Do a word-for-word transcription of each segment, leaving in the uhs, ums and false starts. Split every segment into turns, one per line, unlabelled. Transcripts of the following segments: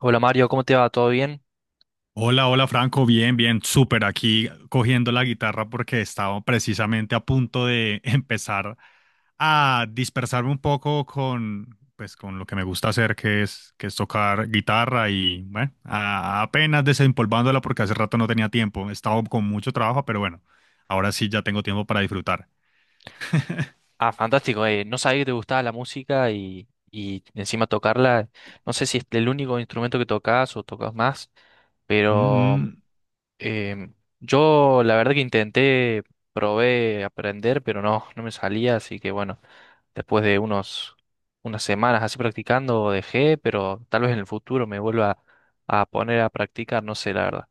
Hola Mario, ¿cómo te va? ¿Todo bien?
Hola, hola Franco, bien, bien, súper aquí cogiendo la guitarra porque estaba precisamente a punto de empezar a dispersarme un poco con, pues, con lo que me gusta hacer, que es, que es tocar guitarra y bueno, a- apenas desempolvándola porque hace rato no tenía tiempo, he estado con mucho trabajo, pero bueno, ahora sí ya tengo tiempo para disfrutar.
Ah, fantástico. eh, No sabía que te gustaba la música y, y encima tocarla. No sé si es el único instrumento que tocas o tocas más, pero
Mm,
em, yo la verdad que intenté, probé aprender, pero no, no me salía, así que bueno, después de unos, unas semanas así practicando dejé, pero tal vez en el futuro me vuelva a poner a practicar, no sé, la verdad.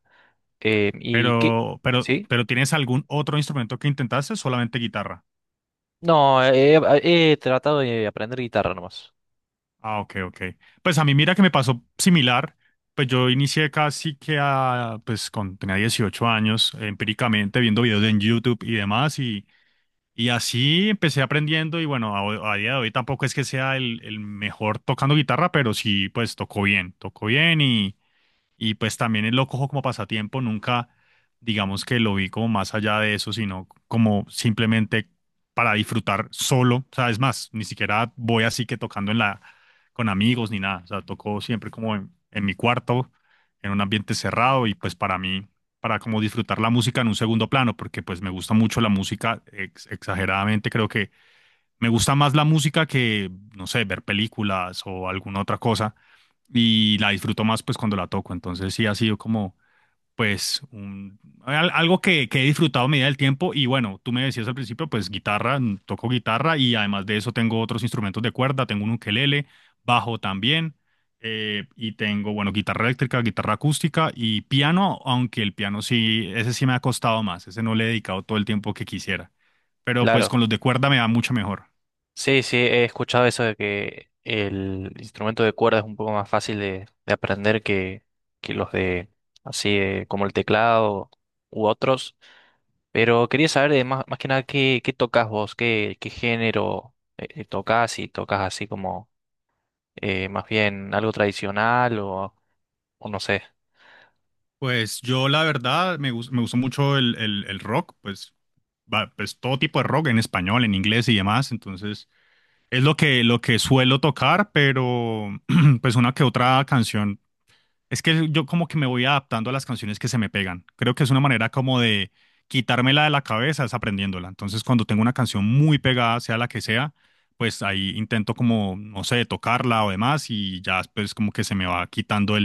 Em, ¿y qué?
pero, pero,
¿Sí?
pero ¿tienes algún otro instrumento que intentaste o solamente guitarra?
No, he, he tratado de aprender guitarra nomás.
Ah, ok, ok. Pues a mí mira que me pasó similar. Pues yo inicié casi que a, pues con, tenía dieciocho años, empíricamente viendo videos en YouTube y demás, y, y así empecé aprendiendo y bueno, a, a día de hoy tampoco es que sea el, el mejor tocando guitarra, pero sí, pues tocó bien, tocó bien y y pues también él lo cojo como pasatiempo, nunca digamos que lo vi como más allá de eso, sino como simplemente para disfrutar solo. O sea, es más, ni siquiera voy así que tocando en la, con amigos ni nada. O sea, toco siempre como en, en mi cuarto, en un ambiente cerrado y pues para mí, para como disfrutar la música en un segundo plano, porque pues me gusta mucho la música, ex- exageradamente creo que me gusta más la música que, no sé, ver películas o alguna otra cosa y la disfruto más pues cuando la toco. Entonces sí ha sido como pues un, al- algo que, que he disfrutado a medida del tiempo y bueno, tú me decías al principio pues guitarra, mm, toco guitarra y además de eso tengo otros instrumentos de cuerda, tengo un ukelele, bajo también eh, y tengo bueno, guitarra eléctrica, guitarra acústica y piano, aunque el piano sí, ese sí me ha costado más, ese no le he dedicado todo el tiempo que quisiera, pero pues
Claro.
con los de cuerda me va mucho mejor.
Sí, sí, he escuchado eso de que el instrumento de cuerda es un poco más fácil de, de aprender que, que los de así eh, como el teclado u otros. Pero quería saber de más, más que nada qué, qué tocas vos, qué, qué género eh, eh, tocas, si tocas así como eh, más bien algo tradicional o, o no sé.
Pues yo la verdad me, gus- me gustó mucho el, el- el rock, pues, va- pues todo tipo de rock en español, en inglés y demás, entonces es lo que, lo que suelo tocar, pero pues una que otra canción. Es que yo como que me voy adaptando a las canciones que se me pegan. Creo que es una manera como de quitármela de la cabeza, es aprendiéndola. Entonces cuando tengo una canción muy pegada, sea la que sea, pues ahí intento como, no sé, tocarla o demás y ya pues como que se me va quitando.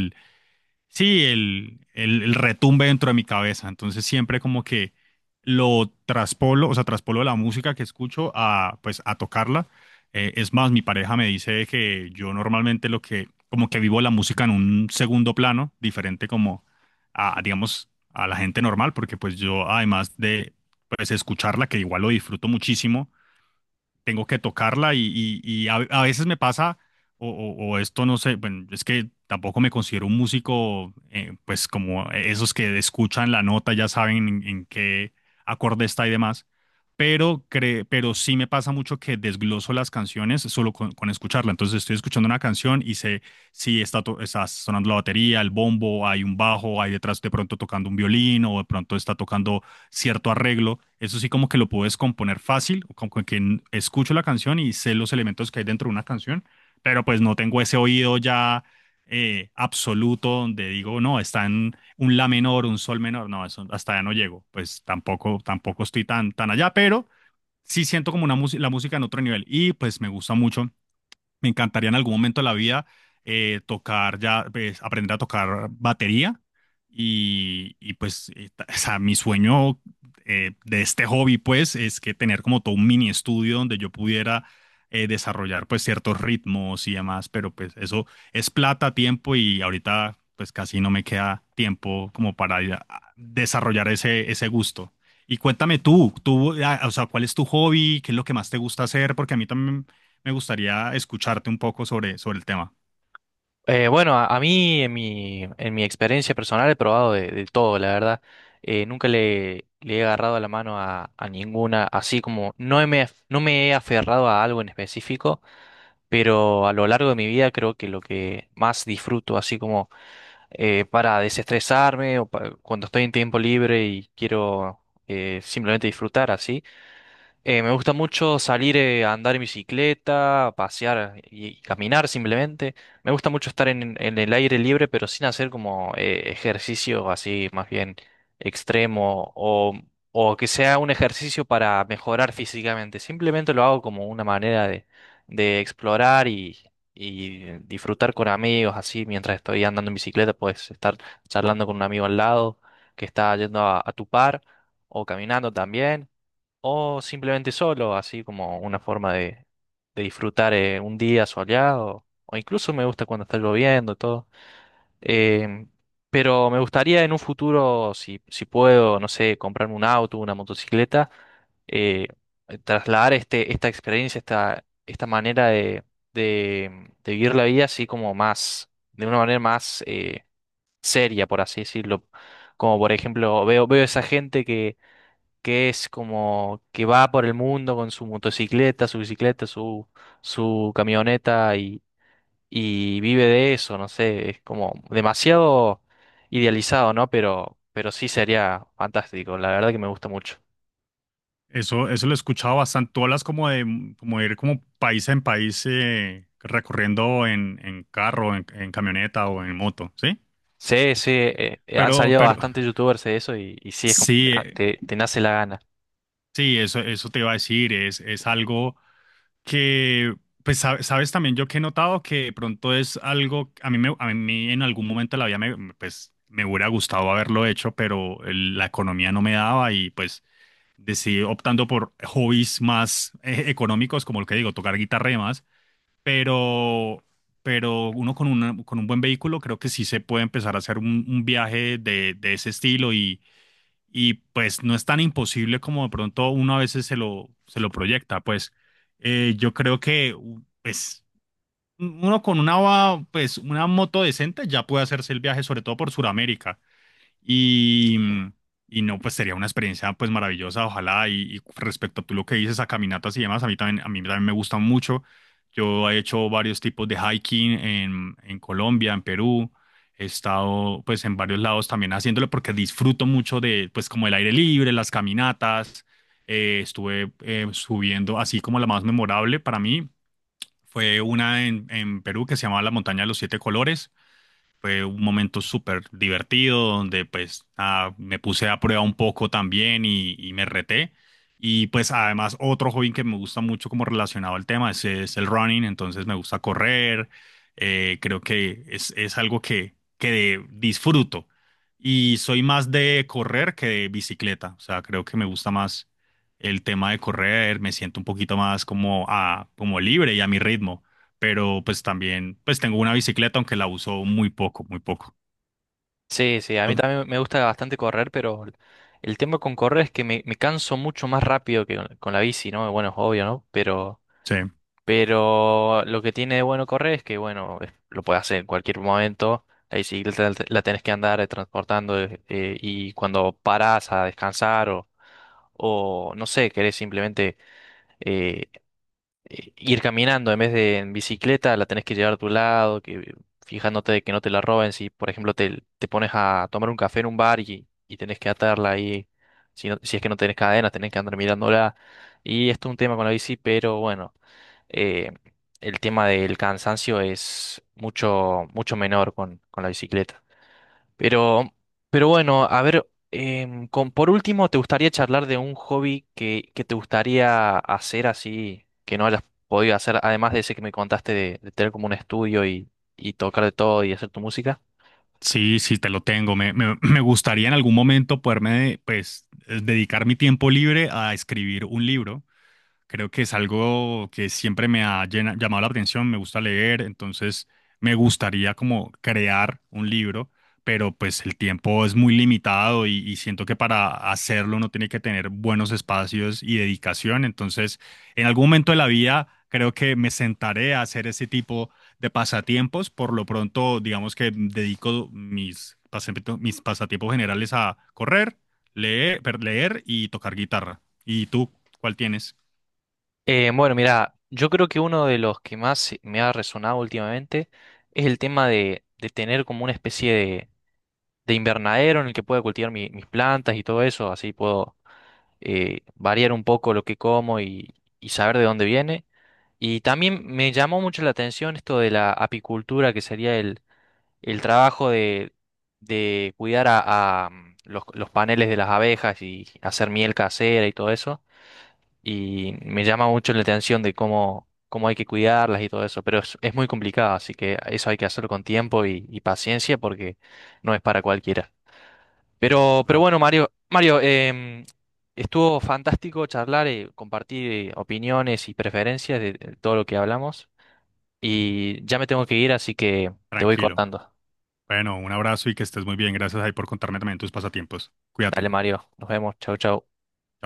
Sí, el, el, el retumbe dentro de mi cabeza. Entonces siempre como que lo traspolo, o sea, traspolo la música que escucho a, pues, a tocarla. Eh, es más, mi pareja me dice que yo normalmente lo que, como que vivo la música en un segundo plano, diferente como a, digamos, a la gente normal, porque pues yo, además de, pues, escucharla, que igual lo disfruto muchísimo, tengo que tocarla y, y- y a, a veces me pasa, o, o- o esto no sé, bueno, es que tampoco me considero un músico, eh, pues como esos que escuchan la nota ya saben en, en qué acorde está y demás, pero, cre- pero sí me pasa mucho que desgloso las canciones solo con, con escucharla. Entonces estoy escuchando una canción y sé si está, to- está sonando la batería, el bombo, hay un bajo, hay detrás de pronto tocando un violín o de pronto está tocando cierto arreglo. Eso sí como que lo puedes descomponer fácil, como que n- escucho la canción y sé los elementos que hay dentro de una canción, pero pues no tengo ese oído ya eh, absoluto donde digo, no, está en un la menor, un sol menor, no, eso hasta allá no llego. Pues tampoco, tampoco estoy tan, tan allá, pero sí siento como una mus- la música en otro nivel y pues me gusta mucho me encantaría en algún momento de la vida eh, tocar ya, pues, aprender a tocar batería y, y, pues, eh, ta- o sea, mi sueño eh, de este hobby, pues, es que tener como todo un mini estudio donde yo pudiera eh, desarrollar, pues, ciertos ritmos y demás, pero pues eso es plata, tiempo y ahorita, pues, casi no me queda tiempo como para ir a- a desarrollar ese, ese gusto. Y cuéntame tú, tú, ah, o sea, ¿cuál es tu hobby? ¿Qué es lo que más te gusta hacer? Porque a mí también me gustaría escucharte un poco sobre, sobre el tema.
Eh, bueno, a, a mí en mi, en mi experiencia personal he probado de, de todo, la verdad. Eh, nunca le, le he agarrado la mano a, a ninguna, así como no me, no me he aferrado a algo en específico, pero a lo largo de mi vida creo que lo que más disfruto, así como eh, para desestresarme o pa- cuando estoy en tiempo libre y quiero eh, simplemente disfrutar así. Eh, me gusta mucho salir eh, a andar en bicicleta, a pasear y, y caminar simplemente. Me gusta mucho estar en, en el aire libre, pero sin hacer como eh, ejercicio así más bien extremo o, o que sea un ejercicio para mejorar físicamente. Simplemente lo hago como una manera de, de explorar y, y disfrutar con amigos, así mientras estoy andando en bicicleta, puedes estar charlando con un amigo al lado que está yendo a, a tu par o caminando también o simplemente solo, así como una forma de, de disfrutar eh, un día soleado, o incluso me gusta cuando está lloviendo, todo. Em, pero me gustaría en un futuro, si, si puedo, no sé, comprarme un auto, una motocicleta, eh, trasladar este, esta experiencia, esta, esta manera de, de, de vivir la vida así como más, de una manera más eh, seria, por así decirlo. Como por ejemplo, veo, veo esa gente que que es como que va por el mundo con su motocicleta, su bicicleta, su, su camioneta y, y vive de eso, no sé, es como demasiado idealizado, ¿no? Pero, pero sí sería fantástico, la verdad que me gusta mucho.
Eso, eso lo he escuchado bastante. Tú hablas como de, mm, como de ir como país en país eh, recorriendo en, en carro, en, en camioneta o en moto, ¿sí?
Sí, sí, eh, eh, han
Pero,
salido
pero
bastantes youtubers de eso y, y sí, es como
sí,
que
eh,
te, te nace la gana.
sí, eso, eso te iba a decir. Es, es algo que, pues, sab- sabes también yo que he notado que de pronto es algo, a mí, me, a mí en algún momento de la vida me, pues, me hubiera gustado haberlo hecho, pero el- la economía no me daba y pues de sí, optando por hobbies más eh, económicos, como lo que digo, tocar guitarra y demás, pero, pero uno con, una- con un buen vehículo creo que sí se puede empezar a hacer un, un viaje de, de ese estilo y, y pues no es tan imposible como de pronto uno a veces se lo, se lo proyecta, pues eh, yo creo que u- pues uno con una, va- pues, una moto decente ya puede hacerse el viaje, sobre todo por Sudamérica. Y, mm, y no, pues sería una experiencia pues maravillosa, ojalá. Y, y respecto a tú lo que dices a caminatas y demás, a mí también, a mí también me gustan mucho. Yo he hecho varios tipos de hiking en, en Colombia, en Perú. He estado pues en varios lados también haciéndolo porque disfruto mucho de pues como el aire libre, las caminatas. Eh, estuve eh, subiendo, así como la más memorable para mí fue una en, en Perú que se llamaba la Montaña de los Siete Colores fue un momento súper divertido donde pues nada, me puse a prueba un poco también y, y me reté. Y pues además otro hobby que me gusta mucho como relacionado al tema es, es el running, entonces me gusta correr, eh, creo que es, es algo que, que de- disfruto. Y soy más de correr que de bicicleta, o sea, creo que me gusta más el tema de correr, me siento un poquito más como, a, como libre y a mi ritmo pero pues también, pues tengo una bicicleta, aunque la uso muy poco, muy poco.
Sí, sí, a
Uh,
mí también me gusta bastante correr, pero el tema con correr es que me, me canso mucho más rápido que con, con la bici, ¿no? Bueno, es obvio, ¿no? Pero…
Sí,
Pero lo que tiene de bueno correr es que, bueno, es- lo puedes hacer en cualquier momento. La bicicleta la la tenés que andar eh, transportando eh, eh, y cuando parás a descansar o, o no sé, querés simplemente eh, eh, ir caminando en vez de en bicicleta, la tenés que llevar a tu lado, que fijándote de que no te la roben. Si, por ejemplo, te, te pones a tomar un café en un bar y, y tenés que atarla ahí, si, no- si es que no tenés cadenas, tenés que andar mirándola. Y esto es un tema con la bici, pero bueno, eh, el tema del cansancio es mucho, mucho menor con, con la bicicleta. Pero, pero bueno, a ver, em, con, por último, ¿te gustaría charlar de un hobby que, que te gustaría hacer así, que no hayas podido hacer, además de ese que me contaste de, de tener como un estudio y, y tocar de todo y hacer tu música?
sí, sí, te lo tengo. Me, me, me gustaría en algún momento poderme, pues, eh, dedicar mi tiempo libre a escribir un libro. Creo que es algo que siempre me ha llena- llamado la atención, me gusta leer, entonces me gustaría como crear un libro, pero pues el tiempo es muy limitado y, y siento que para hacerlo uno tiene que tener buenos espacios y dedicación, entonces en algún momento de la vida creo que me sentaré a hacer ese tipo de pasatiempos, por lo pronto digamos que dedico mis, pasatiempo- mis pasatiempos generales a correr, leer, per- leer y tocar guitarra. ¿Y tú cuál tienes?
Eh, bueno, mira, yo creo que uno de los que más me ha resonado últimamente es el tema de, de tener como una especie de, de invernadero en el que pueda cultivar mi- mis plantas y todo eso, así puedo eh, variar un poco lo que como y, y saber de dónde viene. Y también me llamó mucho la atención esto de la apicultura, que sería el, el trabajo de, de cuidar a, a, mm, los, los paneles de las abejas y hacer miel casera y todo eso. Y me llama mucho la atención de cómo, cómo hay que cuidarlas y todo eso. Pero es, es muy complicado, así que eso hay que hacerlo con tiempo y, y paciencia porque no es para cualquiera.
Sí, es
Pero, pero
verdad.
bueno, Mario, Mario, em, estuvo fantástico charlar y compartir eh, opiniones y preferencias de de todo lo que hablamos. Y ya me tengo que ir, así que te voy
Tranquilo.
cortando.
Bueno, un abrazo y que estés muy bien. Gracias ahí por contarme también tus pasatiempos. Cuídate.
Dale, Mario. Nos vemos. Chau, chau.
Chao.